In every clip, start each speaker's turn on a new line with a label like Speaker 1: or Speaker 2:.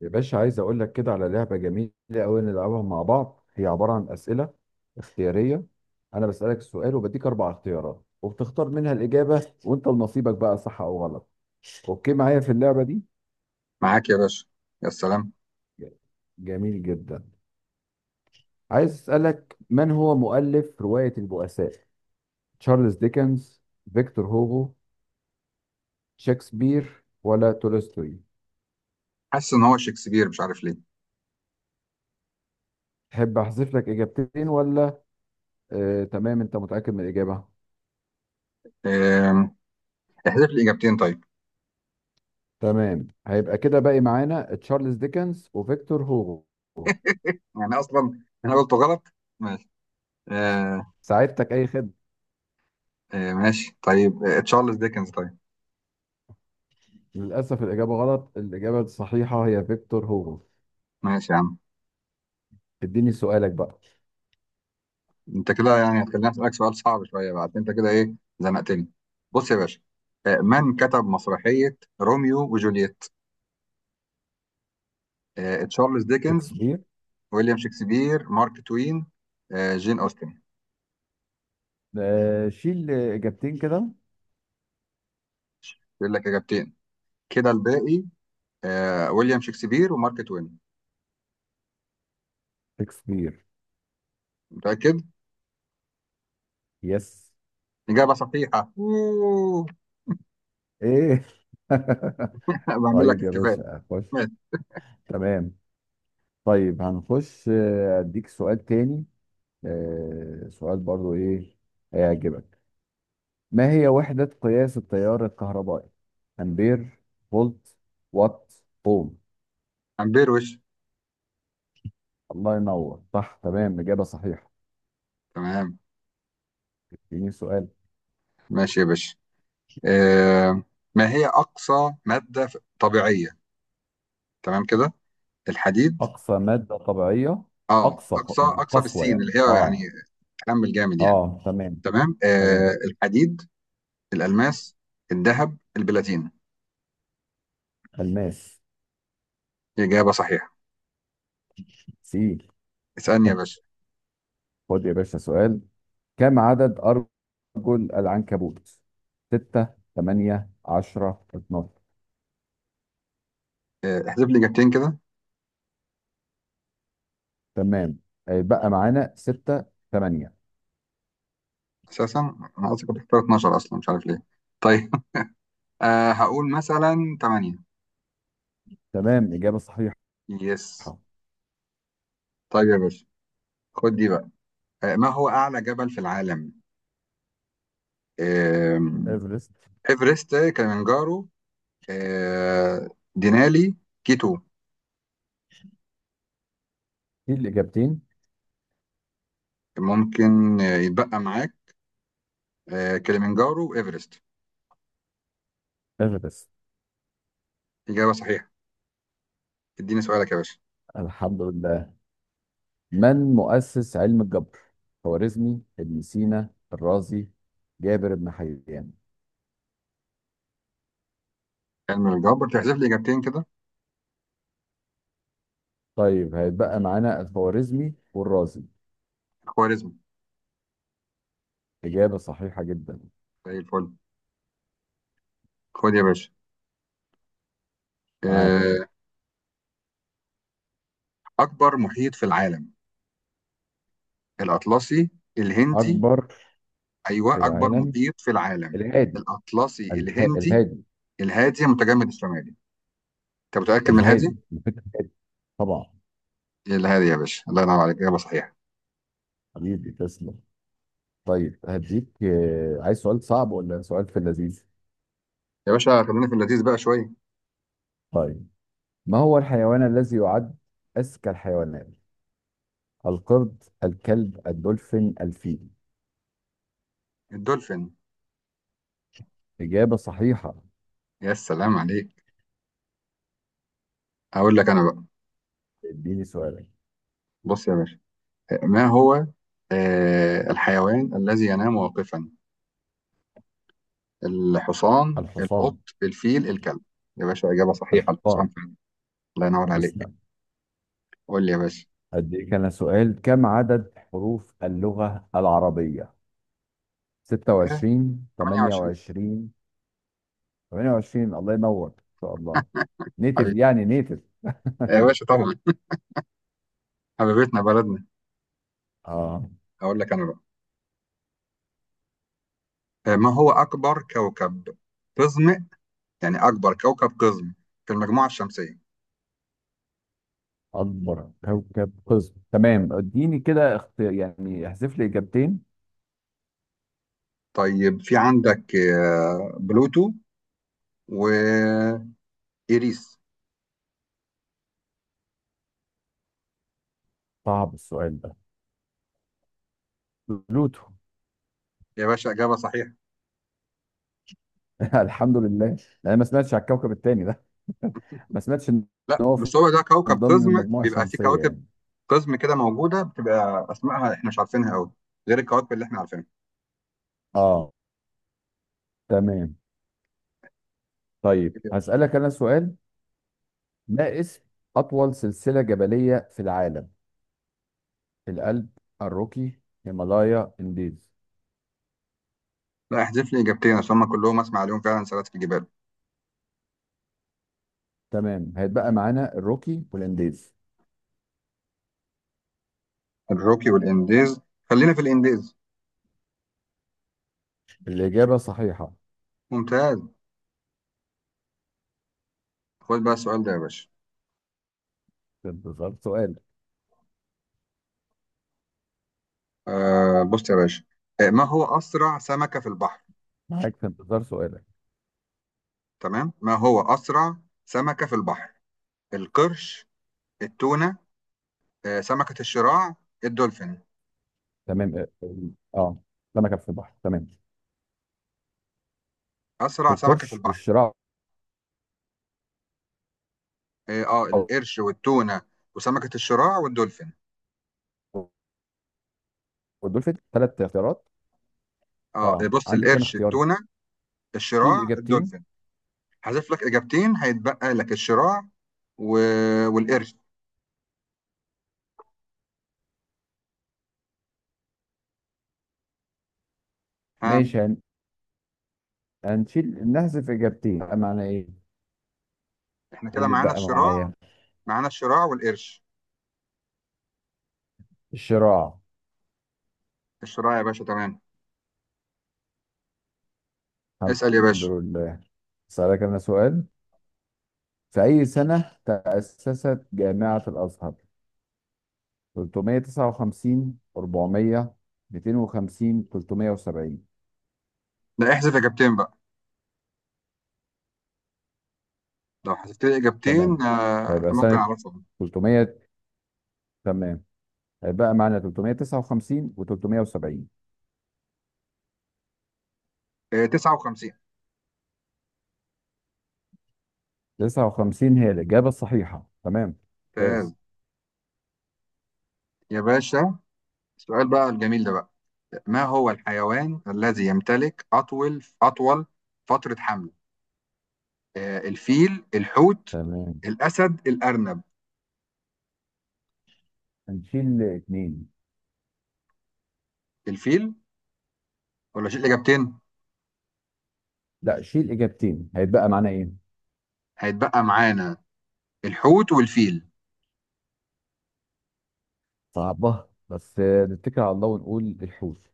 Speaker 1: يا باشا، عايز اقول لك كده على لعبه جميله قوي نلعبها مع بعض. هي عباره عن اسئله اختياريه. انا بسالك السؤال وبديك اربع اختيارات وبتختار منها الاجابه، وانت لنصيبك بقى صح او غلط. اوكي معايا في اللعبه دي؟
Speaker 2: معاك يا باشا. يا سلام.
Speaker 1: جميل جدا. عايز اسالك: من هو مؤلف روايه البؤساء؟ تشارلز ديكنز، فيكتور هوغو، شكسبير ولا تولستوي؟
Speaker 2: حاسس ان هو شكسبير، مش عارف ليه.
Speaker 1: تحب احذف لك اجابتين ولا؟ آه تمام، انت متاكد من الاجابه.
Speaker 2: آم، احذف لي اجابتين طيب.
Speaker 1: تمام، هيبقى كده باقي معانا تشارلز ديكنز وفيكتور هوغو.
Speaker 2: يعني اصلا انا قلت غلط. ماشي. آه.
Speaker 1: ساعدتك، اي خدمه.
Speaker 2: ماشي طيب، تشارلز ديكنز طيب.
Speaker 1: للاسف الاجابه غلط، الاجابه الصحيحه هي فيكتور هوغو.
Speaker 2: ماشي يا عم.
Speaker 1: اديني سؤالك بقى.
Speaker 2: انت كده يعني هتخليني اسالك سؤال صعب شويه بقى، عشان انت كده ايه، زنقتني. بص يا باشا، من كتب مسرحيه روميو وجولييت؟ تشارلز ديكنز،
Speaker 1: شكسبير.
Speaker 2: ويليام شكسبير، مارك توين، جين اوستن.
Speaker 1: آه شيل اجابتين كده.
Speaker 2: يقول لك اجابتين كده الباقي. ويليام شكسبير ومارك توين.
Speaker 1: شكسبير.
Speaker 2: متاكد.
Speaker 1: يس.
Speaker 2: إجابة صحيحة. أوه.
Speaker 1: ايه.
Speaker 2: بعمل لك
Speaker 1: طيب يا
Speaker 2: احتفال.
Speaker 1: باشا خش.
Speaker 2: ماشي.
Speaker 1: تمام. طيب هنخش، اديك سؤال تاني. سؤال برضو، ايه، هيعجبك. ما هي وحدة قياس التيار الكهربائي؟ أمبير، فولت، وات، أوم.
Speaker 2: أمبير وش.
Speaker 1: الله ينور، صح، تمام، إجابة صحيحة.
Speaker 2: تمام.
Speaker 1: اديني سؤال.
Speaker 2: ماشي يا باشا. آه. ما هي أقصى مادة طبيعية، تمام كده؟ الحديد.
Speaker 1: أقصى مادة طبيعية.
Speaker 2: اه،
Speaker 1: أقصى
Speaker 2: أقصى أقصى
Speaker 1: قسوة
Speaker 2: بالسين، اللي
Speaker 1: يعني،
Speaker 2: هي يعني
Speaker 1: آه.
Speaker 2: تحمل جامد يعني.
Speaker 1: آه تمام.
Speaker 2: تمام. آه.
Speaker 1: تمام.
Speaker 2: الحديد، الألماس، الذهب، البلاتين.
Speaker 1: الماس.
Speaker 2: إجابة صحيحة.
Speaker 1: سي.
Speaker 2: اسألني يا باشا.
Speaker 1: خد يا باشا سؤال. كم عدد أرجل العنكبوت؟ ستة، تمانية، عشرة، 12.
Speaker 2: آه. احذف لي إجابتين كده.
Speaker 1: تمام، هيبقى معانا ستة، تمانية.
Speaker 2: أساسا أنا أصلا كنت اختار 12، أصلا مش عارف ليه. طيب. آه. هقول مثلا 8.
Speaker 1: تمام، إجابة صحيحة.
Speaker 2: يس. طيب يا باشا، خد دي بقى. ما هو أعلى جبل في العالم؟ آم،
Speaker 1: إيفرست.
Speaker 2: إيفرست، كليمنجارو، آه، دينالي، كيتو.
Speaker 1: في الإجابتين.
Speaker 2: ممكن يتبقى معاك كليمنجارو وإيفرست.
Speaker 1: آخر بس.
Speaker 2: إجابة صحيحة. اديني سؤالك يا باشا.
Speaker 1: الحمد لله. من مؤسس علم الجبر؟ خوارزمي، ابن سينا، الرازي، جابر بن حيان.
Speaker 2: علم الجبر، تحذف لي إجابتين كده.
Speaker 1: طيب هيتبقى معانا الخوارزمي والرازي.
Speaker 2: الخوارزمي.
Speaker 1: إجابة صحيحة جدا.
Speaker 2: زي الفل. خد يا باشا،
Speaker 1: معاك.
Speaker 2: آه، أكبر محيط في العالم؟ الأطلسي، الهندي.
Speaker 1: أكبر
Speaker 2: أيوه،
Speaker 1: في
Speaker 2: أكبر
Speaker 1: العالم.
Speaker 2: محيط في العالم،
Speaker 1: الهادي.
Speaker 2: الأطلسي، الهندي،
Speaker 1: الهادي.
Speaker 2: الهادي، المتجمد الشمالي. أنت متأكد من الهادي؟
Speaker 1: الهادي، الفكر الهادي. طبعا.
Speaker 2: ايه الهادي يا باشا، الله ينور عليك، اجابه صحيحه.
Speaker 1: حبيبي تسلم. طيب هديك، عايز سؤال صعب ولا سؤال في اللذيذ؟
Speaker 2: يا باشا خلينا في اللذيذ بقى شويه.
Speaker 1: طيب. ما هو الحيوان الذي يعد أذكى الحيوانات؟ القرد، الكلب، الدولفين، الفيل.
Speaker 2: الدولفين.
Speaker 1: إجابة صحيحة.
Speaker 2: يا سلام عليك. هقول لك انا بقى،
Speaker 1: اديني سؤالك.
Speaker 2: بص يا باشا. ما هو الحيوان الذي ينام واقفا؟ الحصان، القط،
Speaker 1: الحصان.
Speaker 2: الفيل، الكلب. يا باشا اجابه صحيحه، الحصان
Speaker 1: الحصان.
Speaker 2: فعلا. الله ينور عليك.
Speaker 1: تسلم.
Speaker 2: قول لي يا باشا.
Speaker 1: أديك أنا سؤال: كم عدد حروف اللغة العربية؟
Speaker 2: آه،
Speaker 1: 26،
Speaker 2: 28.
Speaker 1: 28. 28. الله ينور، إن شاء الله. نيتف
Speaker 2: حبيبي.
Speaker 1: يعني نيتف
Speaker 2: يا باشا طبعا، حبيبتنا بلدنا.
Speaker 1: آه.
Speaker 2: هقول لك انا بقى، ما هو اكبر كوكب قزم؟ يعني اكبر كوكب قزم في المجموعه الشمسيه.
Speaker 1: أكبر كوكب قزم، تمام اديني كده يعني احذف لي إجابتين.
Speaker 2: طيب في عندك بلوتو وإيريس.
Speaker 1: صعب السؤال ده. بلوتو.
Speaker 2: يا باشا إجابة صحيحة.
Speaker 1: الحمد لله. يعني ما سمعتش على الكوكب التاني ده. ما سمعتش ان
Speaker 2: لا
Speaker 1: هو في-
Speaker 2: بس هو ده
Speaker 1: من
Speaker 2: كوكب
Speaker 1: ضمن
Speaker 2: قزم،
Speaker 1: المجموعه
Speaker 2: بيبقى فيه
Speaker 1: الشمسيه
Speaker 2: كواكب
Speaker 1: يعني.
Speaker 2: قزم كده موجودة، بتبقى أسمائها إحنا مش عارفينها أوي، غير الكواكب اللي إحنا عارفينها.
Speaker 1: اه. تمام. طيب هسألك انا سؤال. ما اسم اطول سلسله جبليه في العالم؟ الألب، الروكي، هيمالايا، انديز.
Speaker 2: لا، احذف لي إجابتين عشان هما كلهم أسمع عليهم فعلا سنة في الجبال.
Speaker 1: تمام هيتبقى معانا الروكي والانديز.
Speaker 2: الروكي والإنديز. خلينا في الإنديز.
Speaker 1: الاجابه صحيحه.
Speaker 2: ممتاز. خد بقى السؤال ده يا باشا.
Speaker 1: في انتظار سؤال.
Speaker 2: بص يا باشا، ما هو أسرع سمكة في البحر؟
Speaker 1: في انتظار سؤالك.
Speaker 2: تمام. ما هو أسرع سمكة في البحر؟ القرش، التونة، سمكة الشراع، الدولفين.
Speaker 1: تمام، اه، آه. سمكه في البحر، تمام.
Speaker 2: أسرع سمكة في
Speaker 1: القرش
Speaker 2: البحر.
Speaker 1: والشراع
Speaker 2: القرش والتونة وسمكة الشراع والدولفين.
Speaker 1: والدولفين، ثلاث اختيارات. اه
Speaker 2: بص،
Speaker 1: عندي كام
Speaker 2: القرش،
Speaker 1: اختيار؟
Speaker 2: التونة،
Speaker 1: شيل
Speaker 2: الشراع،
Speaker 1: اجابتين.
Speaker 2: الدولفين. هحذف لك إجابتين، هيتبقى لك الشراع و... والقرش. ها.
Speaker 1: ماشي، هنشيل، نحذف اجابتين، بقى معنى ايه؟
Speaker 2: احنا
Speaker 1: إيه
Speaker 2: كده
Speaker 1: اللي
Speaker 2: معانا
Speaker 1: اتبقى
Speaker 2: الشراع.
Speaker 1: معايا؟
Speaker 2: معانا الشراع والقرش.
Speaker 1: الشراع.
Speaker 2: الشراع يا باشا، تمام.
Speaker 1: الحمد
Speaker 2: اسأل يا باشا.
Speaker 1: لله. سألك انا سؤال: في اي سنة تأسست جامعة الازهر؟ 359، 400، 250، 370.
Speaker 2: لا، احذف إجابتين بقى. لو حذفت لي إجابتين
Speaker 1: تمام، فيبقى
Speaker 2: ممكن
Speaker 1: سنة
Speaker 2: أعرفهم.
Speaker 1: 300. تمام، هيبقى معانا 359 و370.
Speaker 2: 59.
Speaker 1: 59 هي الإجابة الصحيحة. تمام،
Speaker 2: ممتاز.
Speaker 1: ممتاز.
Speaker 2: يا باشا السؤال بقى الجميل ده بقى. ما هو الحيوان الذي يمتلك أطول فترة حمل؟ الفيل، الحوت،
Speaker 1: تمام،
Speaker 2: الأسد، الأرنب،
Speaker 1: هنشيل اتنين.
Speaker 2: الفيل. ولا شيل إجابتين؟
Speaker 1: لا شيل اجابتين، هيتبقى معانا ايه؟
Speaker 2: هيتبقى معانا الحوت والفيل.
Speaker 1: صعبة بس، نتكل على الله ونقول الحوت.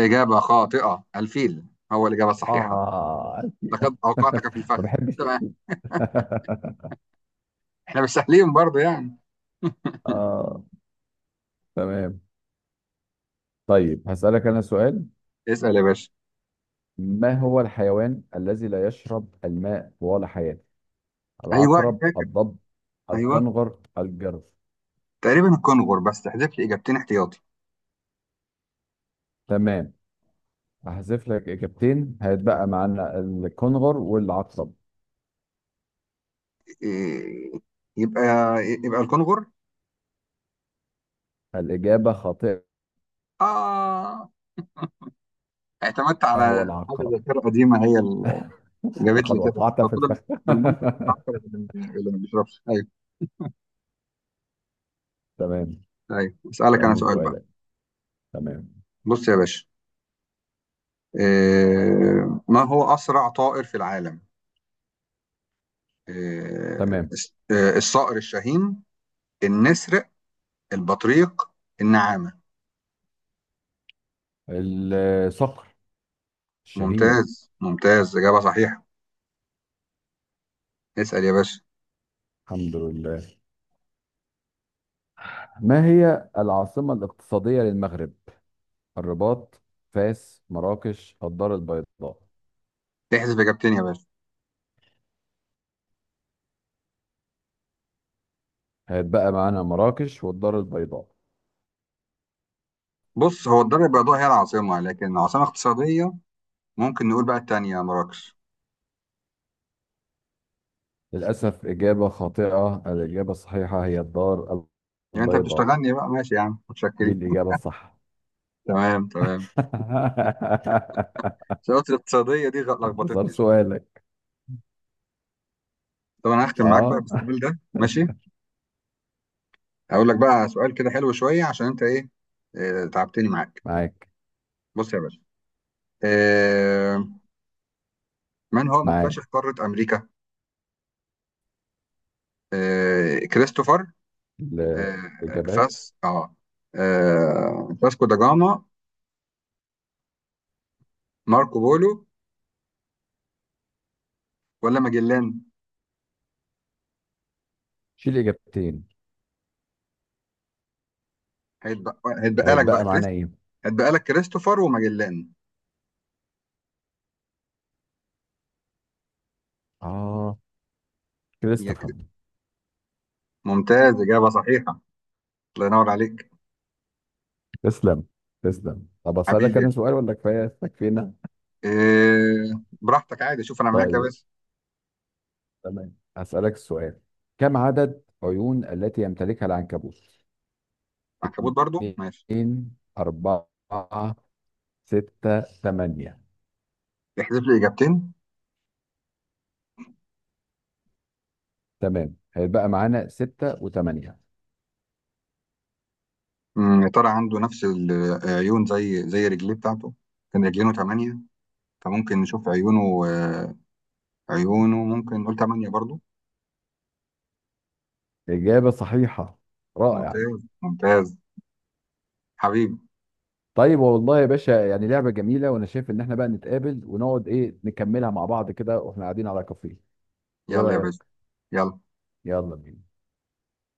Speaker 2: إجابة خاطئة، الفيل هو الإجابة الصحيحة.
Speaker 1: اه.
Speaker 2: لقد أوقعتك في الفخ.
Speaker 1: ما بحبش.
Speaker 2: تمام، إحنا مش سهلين برضه يعني.
Speaker 1: اه تمام. طيب هسألك انا سؤال.
Speaker 2: اسأل يا باشا.
Speaker 1: ما هو الحيوان الذي لا يشرب الماء طوال حياته؟
Speaker 2: أيوه أنا
Speaker 1: العقرب،
Speaker 2: فاكر.
Speaker 1: الضب،
Speaker 2: أيوه،
Speaker 1: الكنغر، الجرذ.
Speaker 2: تقريبا الكونغر، بس تحذف لي إجابتين احتياطي.
Speaker 1: تمام، هحذف لك اجابتين، هيتبقى معانا الكنغر والعقرب.
Speaker 2: إيه، يبقى يبقى الكونغر؟
Speaker 1: الإجابة خاطئة،
Speaker 2: آه، اعتمدت على
Speaker 1: هو
Speaker 2: حاجه
Speaker 1: العقرب.
Speaker 2: ذاكره قديمه هي اللي جابت لي
Speaker 1: لقد
Speaker 2: كده
Speaker 1: وقعت في
Speaker 2: فكده.
Speaker 1: الفخ.
Speaker 2: بالمنطق كنت هختار اللي ما بيشربش، ايوه.
Speaker 1: تمام.
Speaker 2: ايوه، اسالك انا
Speaker 1: سألني
Speaker 2: سؤال بقى.
Speaker 1: سؤالك. تمام
Speaker 2: بص يا باشا، ما هو اسرع طائر في العالم؟
Speaker 1: تمام.
Speaker 2: الصقر الشاهين، النسر، البطريق، النعامه.
Speaker 1: الصقر الشاهين.
Speaker 2: ممتاز ممتاز، اجابه صحيحه. اسال يا باشا.
Speaker 1: الحمد لله. ما هي العاصمة الاقتصادية للمغرب؟ الرباط، فاس، مراكش، الدار البيضاء.
Speaker 2: تحذف اجابتين يا باشا.
Speaker 1: هات بقى معانا مراكش والدار البيضاء.
Speaker 2: بص، هو الدار البيضاء هي العاصمه، لكن عاصمه اقتصاديه، ممكن نقول بقى التانيه مراكش.
Speaker 1: للأسف إجابة خاطئة، الإجابة الصحيحة هي الدار
Speaker 2: يعني انت
Speaker 1: البيضاء،
Speaker 2: بتشتغلني بقى، ماشي يا عم،
Speaker 1: دي
Speaker 2: متشكرين.
Speaker 1: الإجابة الصح.
Speaker 2: تمام تمام. الشروط الاقتصادية دي
Speaker 1: انتصار
Speaker 2: لخبطتني شوية.
Speaker 1: سؤالك.
Speaker 2: طب انا هختم معاك بقى
Speaker 1: اه.
Speaker 2: بالسؤال ده، ماشي. اقول لك بقى سؤال كده حلو شوية، عشان انت ايه، تعبتني معاك.
Speaker 1: معاك
Speaker 2: بص يا باشا، آه، من هو
Speaker 1: معاك.
Speaker 2: مكتشف قارة امريكا؟ كريستوفر، آه،
Speaker 1: الإجابات.
Speaker 2: فاس اه فاسكو دا جاما، ماركو بولو، ولا ماجلان؟
Speaker 1: شيل إجابتين.
Speaker 2: هيتبقى هيتبقى لك
Speaker 1: هيتبقى
Speaker 2: بقى
Speaker 1: معانا
Speaker 2: كريست
Speaker 1: إيه؟
Speaker 2: هيتبقى لك كريستوفر وماجلان.
Speaker 1: آه كده
Speaker 2: يا كري-
Speaker 1: استفهم.
Speaker 2: ممتاز، إجابة صحيحة. الله ينور عليك.
Speaker 1: تسلم. تسلم. طب أسألك
Speaker 2: حبيبي.
Speaker 1: أنا سؤال ولا كفاية تكفينا؟
Speaker 2: إيه، براحتك عادي، شوف انا معاك يا
Speaker 1: طيب،
Speaker 2: باسم.
Speaker 1: تمام أسألك السؤال. كم عدد عيون التي يمتلكها العنكبوت؟
Speaker 2: عنكبوت برضو، ماشي.
Speaker 1: اتنين، أربعة، ستة، تمانية.
Speaker 2: احذف لي اجابتين.
Speaker 1: تمام، هيتبقى معانا ستة وتمانية.
Speaker 2: يا ترى عنده نفس العيون زي رجليه بتاعته؟ كان رجلينه ثمانية، فممكن نشوف عيونه، عيونه ممكن نقول ثمانية برضو.
Speaker 1: إجابة صحيحة. رائع.
Speaker 2: ممتاز ممتاز. حبيبي.
Speaker 1: طيب والله يا باشا، يعني لعبة جميلة، وانا شايف ان احنا بقى نتقابل ونقعد، ايه، نكملها مع بعض كده واحنا قاعدين على كافيه. ايه
Speaker 2: يلا يا باسم،
Speaker 1: رأيك؟
Speaker 2: يلا.
Speaker 1: يلا بينا.